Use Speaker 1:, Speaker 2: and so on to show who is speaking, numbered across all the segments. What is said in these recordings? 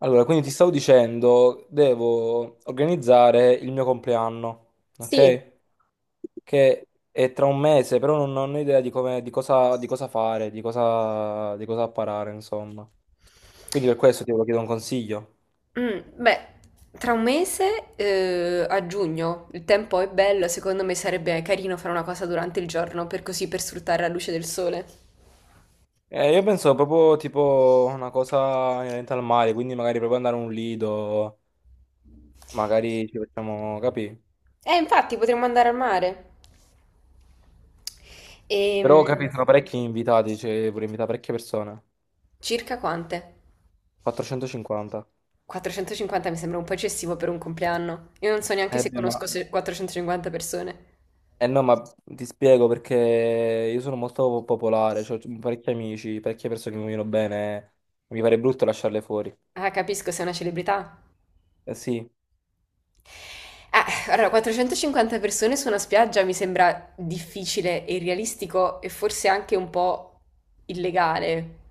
Speaker 1: Allora, quindi ti stavo dicendo, devo organizzare il mio compleanno,
Speaker 2: Sì.
Speaker 1: ok? Che è tra un mese, però non ho idea di come, di cosa fare, di cosa apparare, insomma. Quindi per questo ti volevo chiedere un consiglio.
Speaker 2: Mm. Beh, tra un mese, a giugno, il tempo è bello, secondo me sarebbe carino fare una cosa durante il giorno, per così per sfruttare la luce del sole.
Speaker 1: Io penso proprio tipo una cosa inerente al mare, quindi magari proprio andare a un lido, magari ci facciamo, capì?
Speaker 2: Infatti, potremmo andare al mare.
Speaker 1: Però
Speaker 2: Ehm,
Speaker 1: capì, sono parecchi invitati, cioè vorrei invitare parecchie persone.
Speaker 2: Circa quante?
Speaker 1: 450.
Speaker 2: 450 mi sembra un po' eccessivo per un compleanno. Io non so neanche
Speaker 1: Eh
Speaker 2: se
Speaker 1: beh, ma
Speaker 2: conosco 450 persone.
Speaker 1: Eh no, ma ti spiego perché io sono molto popolare, cioè, ho parecchi amici, parecchie persone che mi vogliono bene, mi pare brutto lasciarle fuori.
Speaker 2: Ah, capisco, sei una celebrità.
Speaker 1: Eh sì,
Speaker 2: Allora, 450 persone su una spiaggia mi sembra difficile e irrealistico e forse anche un po' illegale.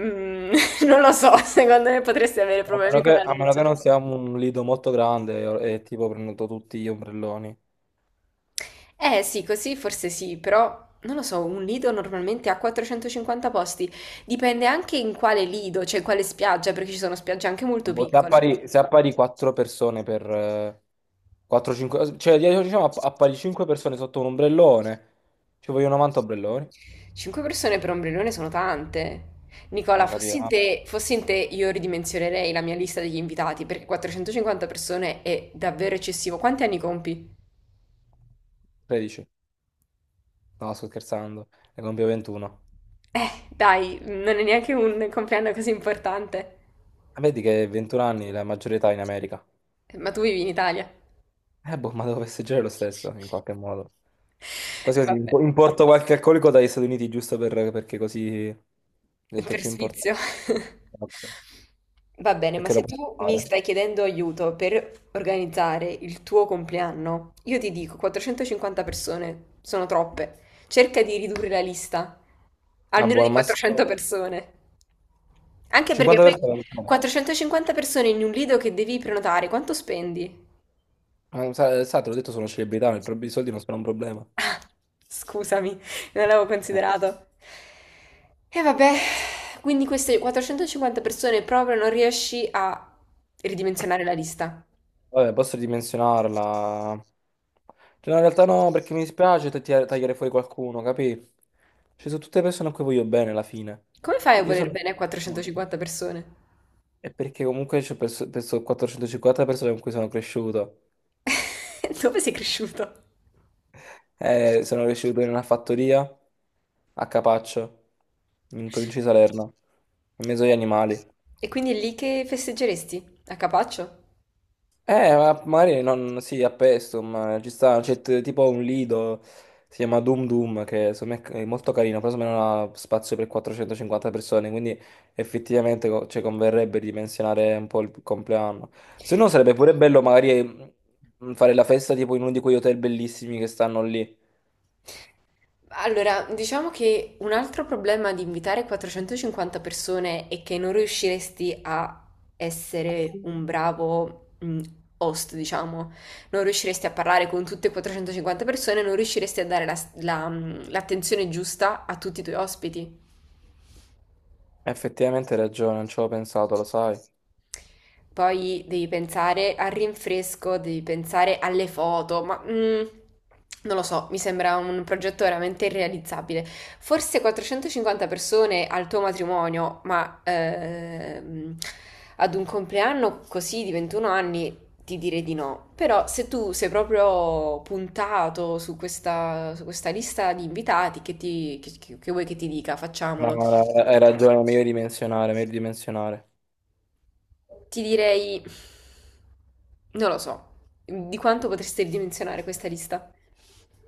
Speaker 2: Mm. Non lo so, secondo me potresti avere
Speaker 1: a
Speaker 2: problemi
Speaker 1: meno
Speaker 2: con
Speaker 1: che,
Speaker 2: la
Speaker 1: a meno
Speaker 2: legge.
Speaker 1: che non siamo un lido molto grande e tipo prendo tutti gli ombrelloni.
Speaker 2: Eh sì, così forse sì, però non lo so, un lido normalmente ha 450 posti. Dipende anche in quale lido, cioè in quale spiaggia, perché ci sono spiagge anche molto
Speaker 1: Boh, Se
Speaker 2: piccole.
Speaker 1: appari, se appari 4 persone per 4-5, cioè diciamo appari 5 persone sotto un ombrellone, ci vogliono 90 ombrelloni,
Speaker 2: Cinque persone per ombrellone sono tante. Nicola,
Speaker 1: ma
Speaker 2: fossi in
Speaker 1: capirà,
Speaker 2: te, fossi in te, io ridimensionerei la mia lista degli invitati perché 450 persone è davvero eccessivo. Quanti anni compi?
Speaker 1: 13, no sto scherzando, ne compio 21.
Speaker 2: Dai, non è neanche un compleanno così importante.
Speaker 1: Ah, vedi che 21 anni è la maggiore età in America.
Speaker 2: Ma tu vivi in Italia.
Speaker 1: Boh, ma devo festeggiare lo stesso, in qualche modo. Quasi così,
Speaker 2: Vabbè.
Speaker 1: importo qualche alcolico dagli Stati Uniti, giusto perché così diventa
Speaker 2: Per
Speaker 1: più importante.
Speaker 2: sfizio.
Speaker 1: Esatto.
Speaker 2: Va bene, ma
Speaker 1: Perché lo
Speaker 2: se
Speaker 1: puoi
Speaker 2: tu mi
Speaker 1: fare.
Speaker 2: stai chiedendo aiuto per organizzare il tuo compleanno, io ti dico 450 persone, sono troppe. Cerca di ridurre la lista,
Speaker 1: Ah,
Speaker 2: almeno
Speaker 1: buon
Speaker 2: di
Speaker 1: al
Speaker 2: 400
Speaker 1: massimo
Speaker 2: persone. Anche perché poi
Speaker 1: 50%.
Speaker 2: 450 persone in un lido che devi prenotare, quanto spendi?
Speaker 1: Sa, te l'ho detto, sono celebrità, i soldi non sono un problema.
Speaker 2: Scusami, non l'avevo
Speaker 1: Eh,
Speaker 2: considerato. E vabbè, quindi queste 450 persone proprio non riesci a ridimensionare la lista.
Speaker 1: Vabbè, posso ridimensionarla. Cioè, no, in realtà no, perché mi dispiace tagliare fuori qualcuno, capì? Ci sono tutte persone a cui voglio bene alla fine.
Speaker 2: Come fai a
Speaker 1: Io
Speaker 2: voler
Speaker 1: sono...
Speaker 2: bene a 450 persone?
Speaker 1: È perché comunque penso 450 persone con cui sono cresciuto.
Speaker 2: Dove sei cresciuto?
Speaker 1: Sono cresciuto in una fattoria a Capaccio, in provincia di Salerno, in mezzo agli animali.
Speaker 2: E quindi è lì che festeggeresti? A Capaccio?
Speaker 1: Ma magari non, sì, a Pestum, ma ci sta, c'è tipo un lido, si chiama Doom Doom, che secondo me è molto carino, però secondo me non ha spazio per 450 persone, quindi effettivamente ci converrebbe ridimensionare un po' il compleanno. Se no sarebbe pure bello magari fare la festa tipo in uno di quegli hotel bellissimi che stanno lì.
Speaker 2: Allora, diciamo che un altro problema di invitare 450 persone è che non riusciresti a essere un bravo host, diciamo. Non riusciresti a parlare con tutte e 450 persone, non riusciresti a dare l'attenzione giusta a tutti i tuoi ospiti.
Speaker 1: Effettivamente hai ragione, non ci avevo pensato, lo sai.
Speaker 2: Poi devi pensare al rinfresco, devi pensare alle foto, non lo so, mi sembra un progetto veramente irrealizzabile. Forse 450 persone al tuo matrimonio, ma ad un compleanno così di 21 anni ti direi di no. Però se tu sei proprio puntato su questa lista di invitati, che vuoi che ti dica?
Speaker 1: Ma
Speaker 2: Facciamolo.
Speaker 1: hai ragione, meglio dimensionare, meglio dimensionare.
Speaker 2: Ti direi, non lo so, di quanto potreste ridimensionare questa lista?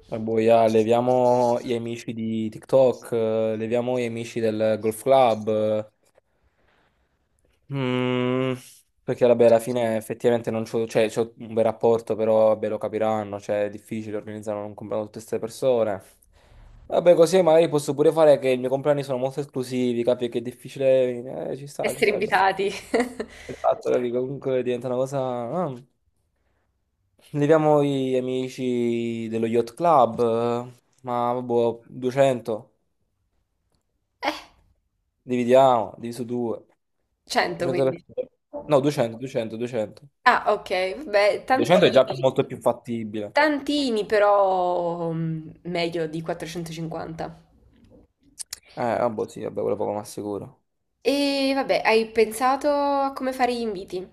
Speaker 1: Boia, leviamo gli amici di TikTok, leviamo gli amici del Golf Club, eh. Mm, perché vabbè, alla fine effettivamente non c'ho, cioè, c'ho un bel rapporto, però vabbè, lo capiranno, cioè è difficile organizzare un compleanno con tutte queste persone. Vabbè, così magari posso pure fare che i miei compleanni sono molto esclusivi, capi che è difficile, ci sta, ci
Speaker 2: Essere
Speaker 1: sta, ci sta.
Speaker 2: invitati?
Speaker 1: Esatto, capi? Comunque diventa una cosa... ah. Leviamo gli amici dello Yacht Club, ma boh, 200.
Speaker 2: Eh,
Speaker 1: Dividiamo, diviso 2.
Speaker 2: 100 quindi.
Speaker 1: 200%. No, 200, 200, 200.
Speaker 2: Ah, ok, vabbè,
Speaker 1: 200 è già
Speaker 2: tantini.
Speaker 1: molto più fattibile.
Speaker 2: Tantini, però meglio di 450.
Speaker 1: Vabbè, sì, vabbè, quello poco ma sicuro.
Speaker 2: E vabbè, hai pensato a come fare gli inviti?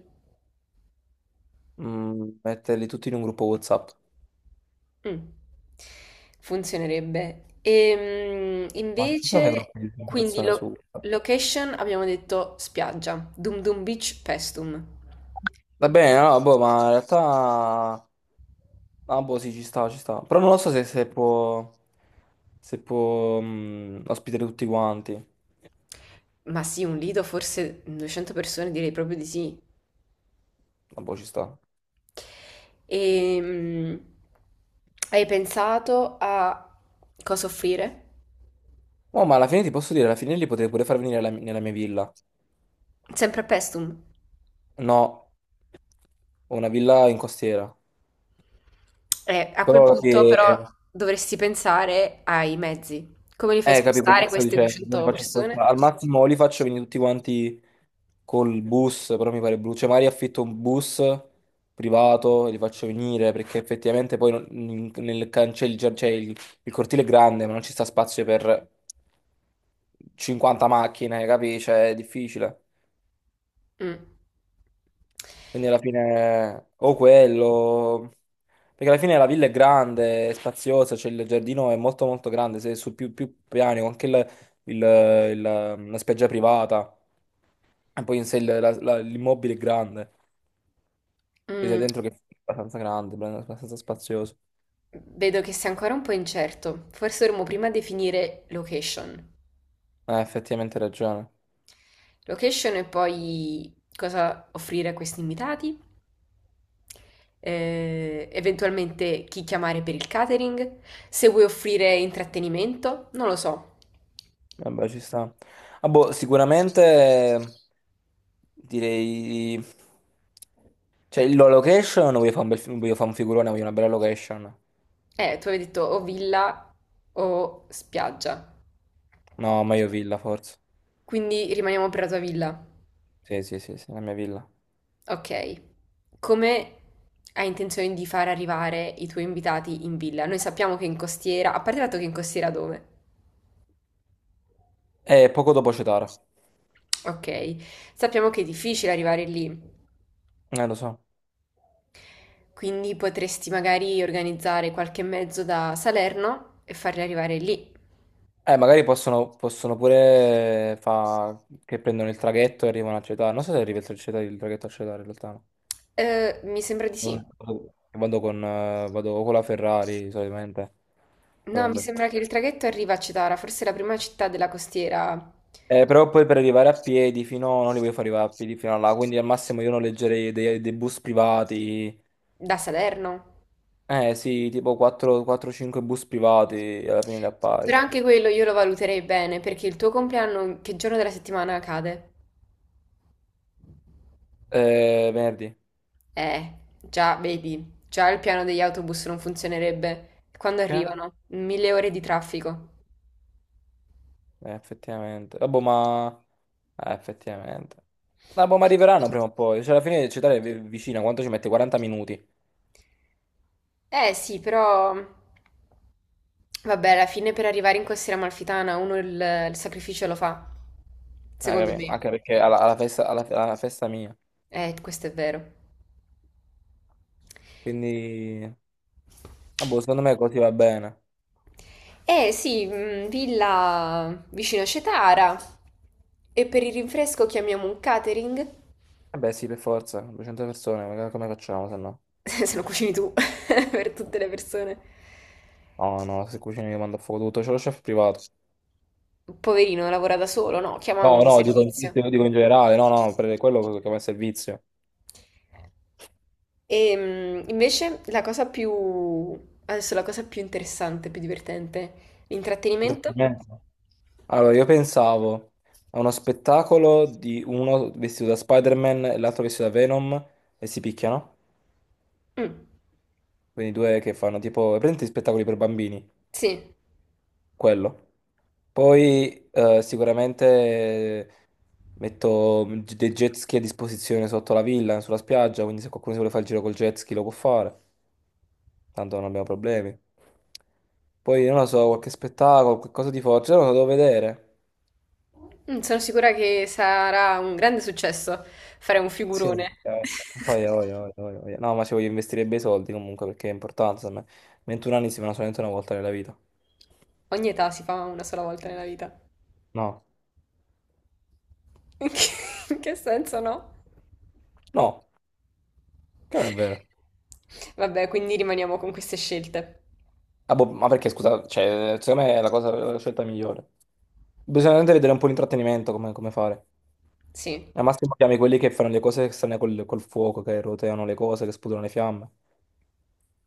Speaker 1: Metterli tutti in un gruppo WhatsApp.
Speaker 2: Mh. Funzionerebbe. Ehm,
Speaker 1: Ma ci sono dei
Speaker 2: invece,
Speaker 1: gruppi di 100
Speaker 2: quindi
Speaker 1: persone su
Speaker 2: lo
Speaker 1: WhatsApp?
Speaker 2: location abbiamo detto spiaggia, Dum Dum Beach, Paestum.
Speaker 1: Va bene, no, boh, ma in realtà... Ah, boh, sì, ci sta, ci sta. Però non lo so se può... Se può ospitare tutti quanti.
Speaker 2: Ma sì, un lido, forse 200 persone, direi proprio di sì.
Speaker 1: Ah, boh, ci sta.
Speaker 2: Ehm, Hai pensato a cosa offrire?
Speaker 1: Oh, ma alla fine ti posso dire, alla fine li potrei pure far venire nella mia villa.
Speaker 2: Sempre a Paestum.
Speaker 1: No, ho una villa in costiera.
Speaker 2: A quel
Speaker 1: Però che,
Speaker 2: punto però dovresti pensare ai mezzi. Come li fai
Speaker 1: capi quello che
Speaker 2: spostare
Speaker 1: ti sto
Speaker 2: queste
Speaker 1: dicendo, non li
Speaker 2: 200
Speaker 1: faccio
Speaker 2: persone?
Speaker 1: spostare. Al massimo o li faccio venire tutti quanti col bus, però mi pare brutto. Cioè, magari affitto un bus privato e li faccio venire, perché effettivamente poi nel cancello, cioè il cortile è grande, ma non ci sta spazio per 50 macchine, capi? Cioè, è difficile.
Speaker 2: Mm.
Speaker 1: Quindi alla fine o quello, perché alla fine la villa è grande, è spaziosa, c'è il giardino è molto molto grande, sei su più piani, con anche il- il- la spiaggia privata, e poi in sé l'immobile è grande, cioè sei
Speaker 2: Mm.
Speaker 1: dentro che è abbastanza grande, abbastanza spazioso.
Speaker 2: Vedo che sei ancora un po' incerto. Forse dovremmo prima definire location.
Speaker 1: Effettivamente hai ragione,
Speaker 2: Location e poi cosa offrire a questi invitati, eventualmente chi chiamare per il catering, se vuoi offrire intrattenimento, non lo so.
Speaker 1: vabbè ci sta. Ah, boh, sicuramente direi... Cioè, la location, voglio fare un figurone, voglio una bella location.
Speaker 2: Tu avevi detto o villa o spiaggia.
Speaker 1: No, meglio villa, forse.
Speaker 2: Quindi rimaniamo per la tua villa.
Speaker 1: Sì, sì, sì, sì, la mia villa.
Speaker 2: Ok, come hai intenzione di far arrivare i tuoi invitati in villa? Noi sappiamo che in costiera, a parte il fatto che in costiera dove?
Speaker 1: E poco dopo Cetara.
Speaker 2: Ok, sappiamo che è difficile arrivare lì,
Speaker 1: Lo so.
Speaker 2: quindi potresti magari organizzare qualche mezzo da Salerno e farli arrivare lì.
Speaker 1: Magari possono pure fa che prendono il traghetto e arrivano a Cetara. Non so se arriva il traghetto a Cetara, in realtà.
Speaker 2: Mi sembra di
Speaker 1: No.
Speaker 2: sì.
Speaker 1: Vado con la Ferrari, solitamente.
Speaker 2: No,
Speaker 1: Però
Speaker 2: mi
Speaker 1: vabbè.
Speaker 2: sembra che il traghetto arriva a Cetara, forse è la prima città della costiera
Speaker 1: Però poi per arrivare a piedi fino... No, non li voglio far arrivare a piedi fino a là, quindi al massimo io noleggerei dei bus privati.
Speaker 2: da Salerno.
Speaker 1: Eh sì, tipo 4-5 bus privati, alla fine li appari.
Speaker 2: Però anche quello io lo valuterei bene, perché il tuo compleanno che giorno della settimana cade?
Speaker 1: Venerdì.
Speaker 2: Già, vedi, già il piano degli autobus non funzionerebbe. Quando
Speaker 1: Che?
Speaker 2: arrivano? Mille ore di traffico.
Speaker 1: Effettivamente. Vabbè, ma... effettivamente. Vabbè, ma arriveranno prima o poi. Cioè, alla fine Città è vicina. Quanto ci mette? 40 minuti.
Speaker 2: Eh sì, però vabbè, alla fine per arrivare in costiera amalfitana uno il sacrificio lo fa, secondo
Speaker 1: Capì?
Speaker 2: me.
Speaker 1: Anche perché alla festa, alla festa mia.
Speaker 2: Questo è vero.
Speaker 1: Quindi... Vabbè, secondo me così va bene.
Speaker 2: Eh sì, villa vicino a Cetara. E per il rinfresco chiamiamo un catering.
Speaker 1: Vabbè, sì, per forza. 200 persone, ma come facciamo, se no?
Speaker 2: Se lo cucini tu, per tutte le persone.
Speaker 1: No, no, se cucini io mando a fuoco tutto. C'è lo chef privato.
Speaker 2: Poverino, lavora da solo, no, chiama un
Speaker 1: No, no, dico, in
Speaker 2: servizio.
Speaker 1: dico in generale. No, no, per quello che va in servizio.
Speaker 2: E invece la cosa più, adesso la cosa più interessante, più divertente, l'intrattenimento.
Speaker 1: Intrattenimento. Allora, io pensavo a uno spettacolo di uno vestito da Spider-Man e l'altro vestito da Venom e si picchiano.
Speaker 2: Mm,
Speaker 1: Quindi due che fanno tipo, prendi spettacoli per bambini,
Speaker 2: sì.
Speaker 1: quello. Poi sicuramente eh, metto dei jet ski a disposizione sotto la villa, sulla spiaggia, quindi se qualcuno si vuole fare il giro col jet ski lo può fare, tanto non abbiamo problemi. Poi non lo so, qualche spettacolo, qualcosa di forte, non lo so, devo vedere.
Speaker 2: Sono sicura che sarà un grande successo fare un
Speaker 1: Sì,
Speaker 2: figurone.
Speaker 1: voglia, voglia, voglia, voglia, voglia. No, ma ci voglio investire bei soldi comunque perché è importante, insomma. 21 anni si fanno solamente una volta nella vita.
Speaker 2: Ogni età si fa una sola volta nella vita.
Speaker 1: No,
Speaker 2: In che, in che senso no?
Speaker 1: no, che non è vero.
Speaker 2: Vabbè, quindi rimaniamo con queste scelte.
Speaker 1: Ah, boh, ma perché, scusa, cioè, secondo me è la cosa, la scelta migliore. Bisogna veramente vedere un po' l'intrattenimento, come fare.
Speaker 2: Sì.
Speaker 1: Al massimo chiami quelli che fanno le cose strane col fuoco, che roteano le cose, che sputano le fiamme.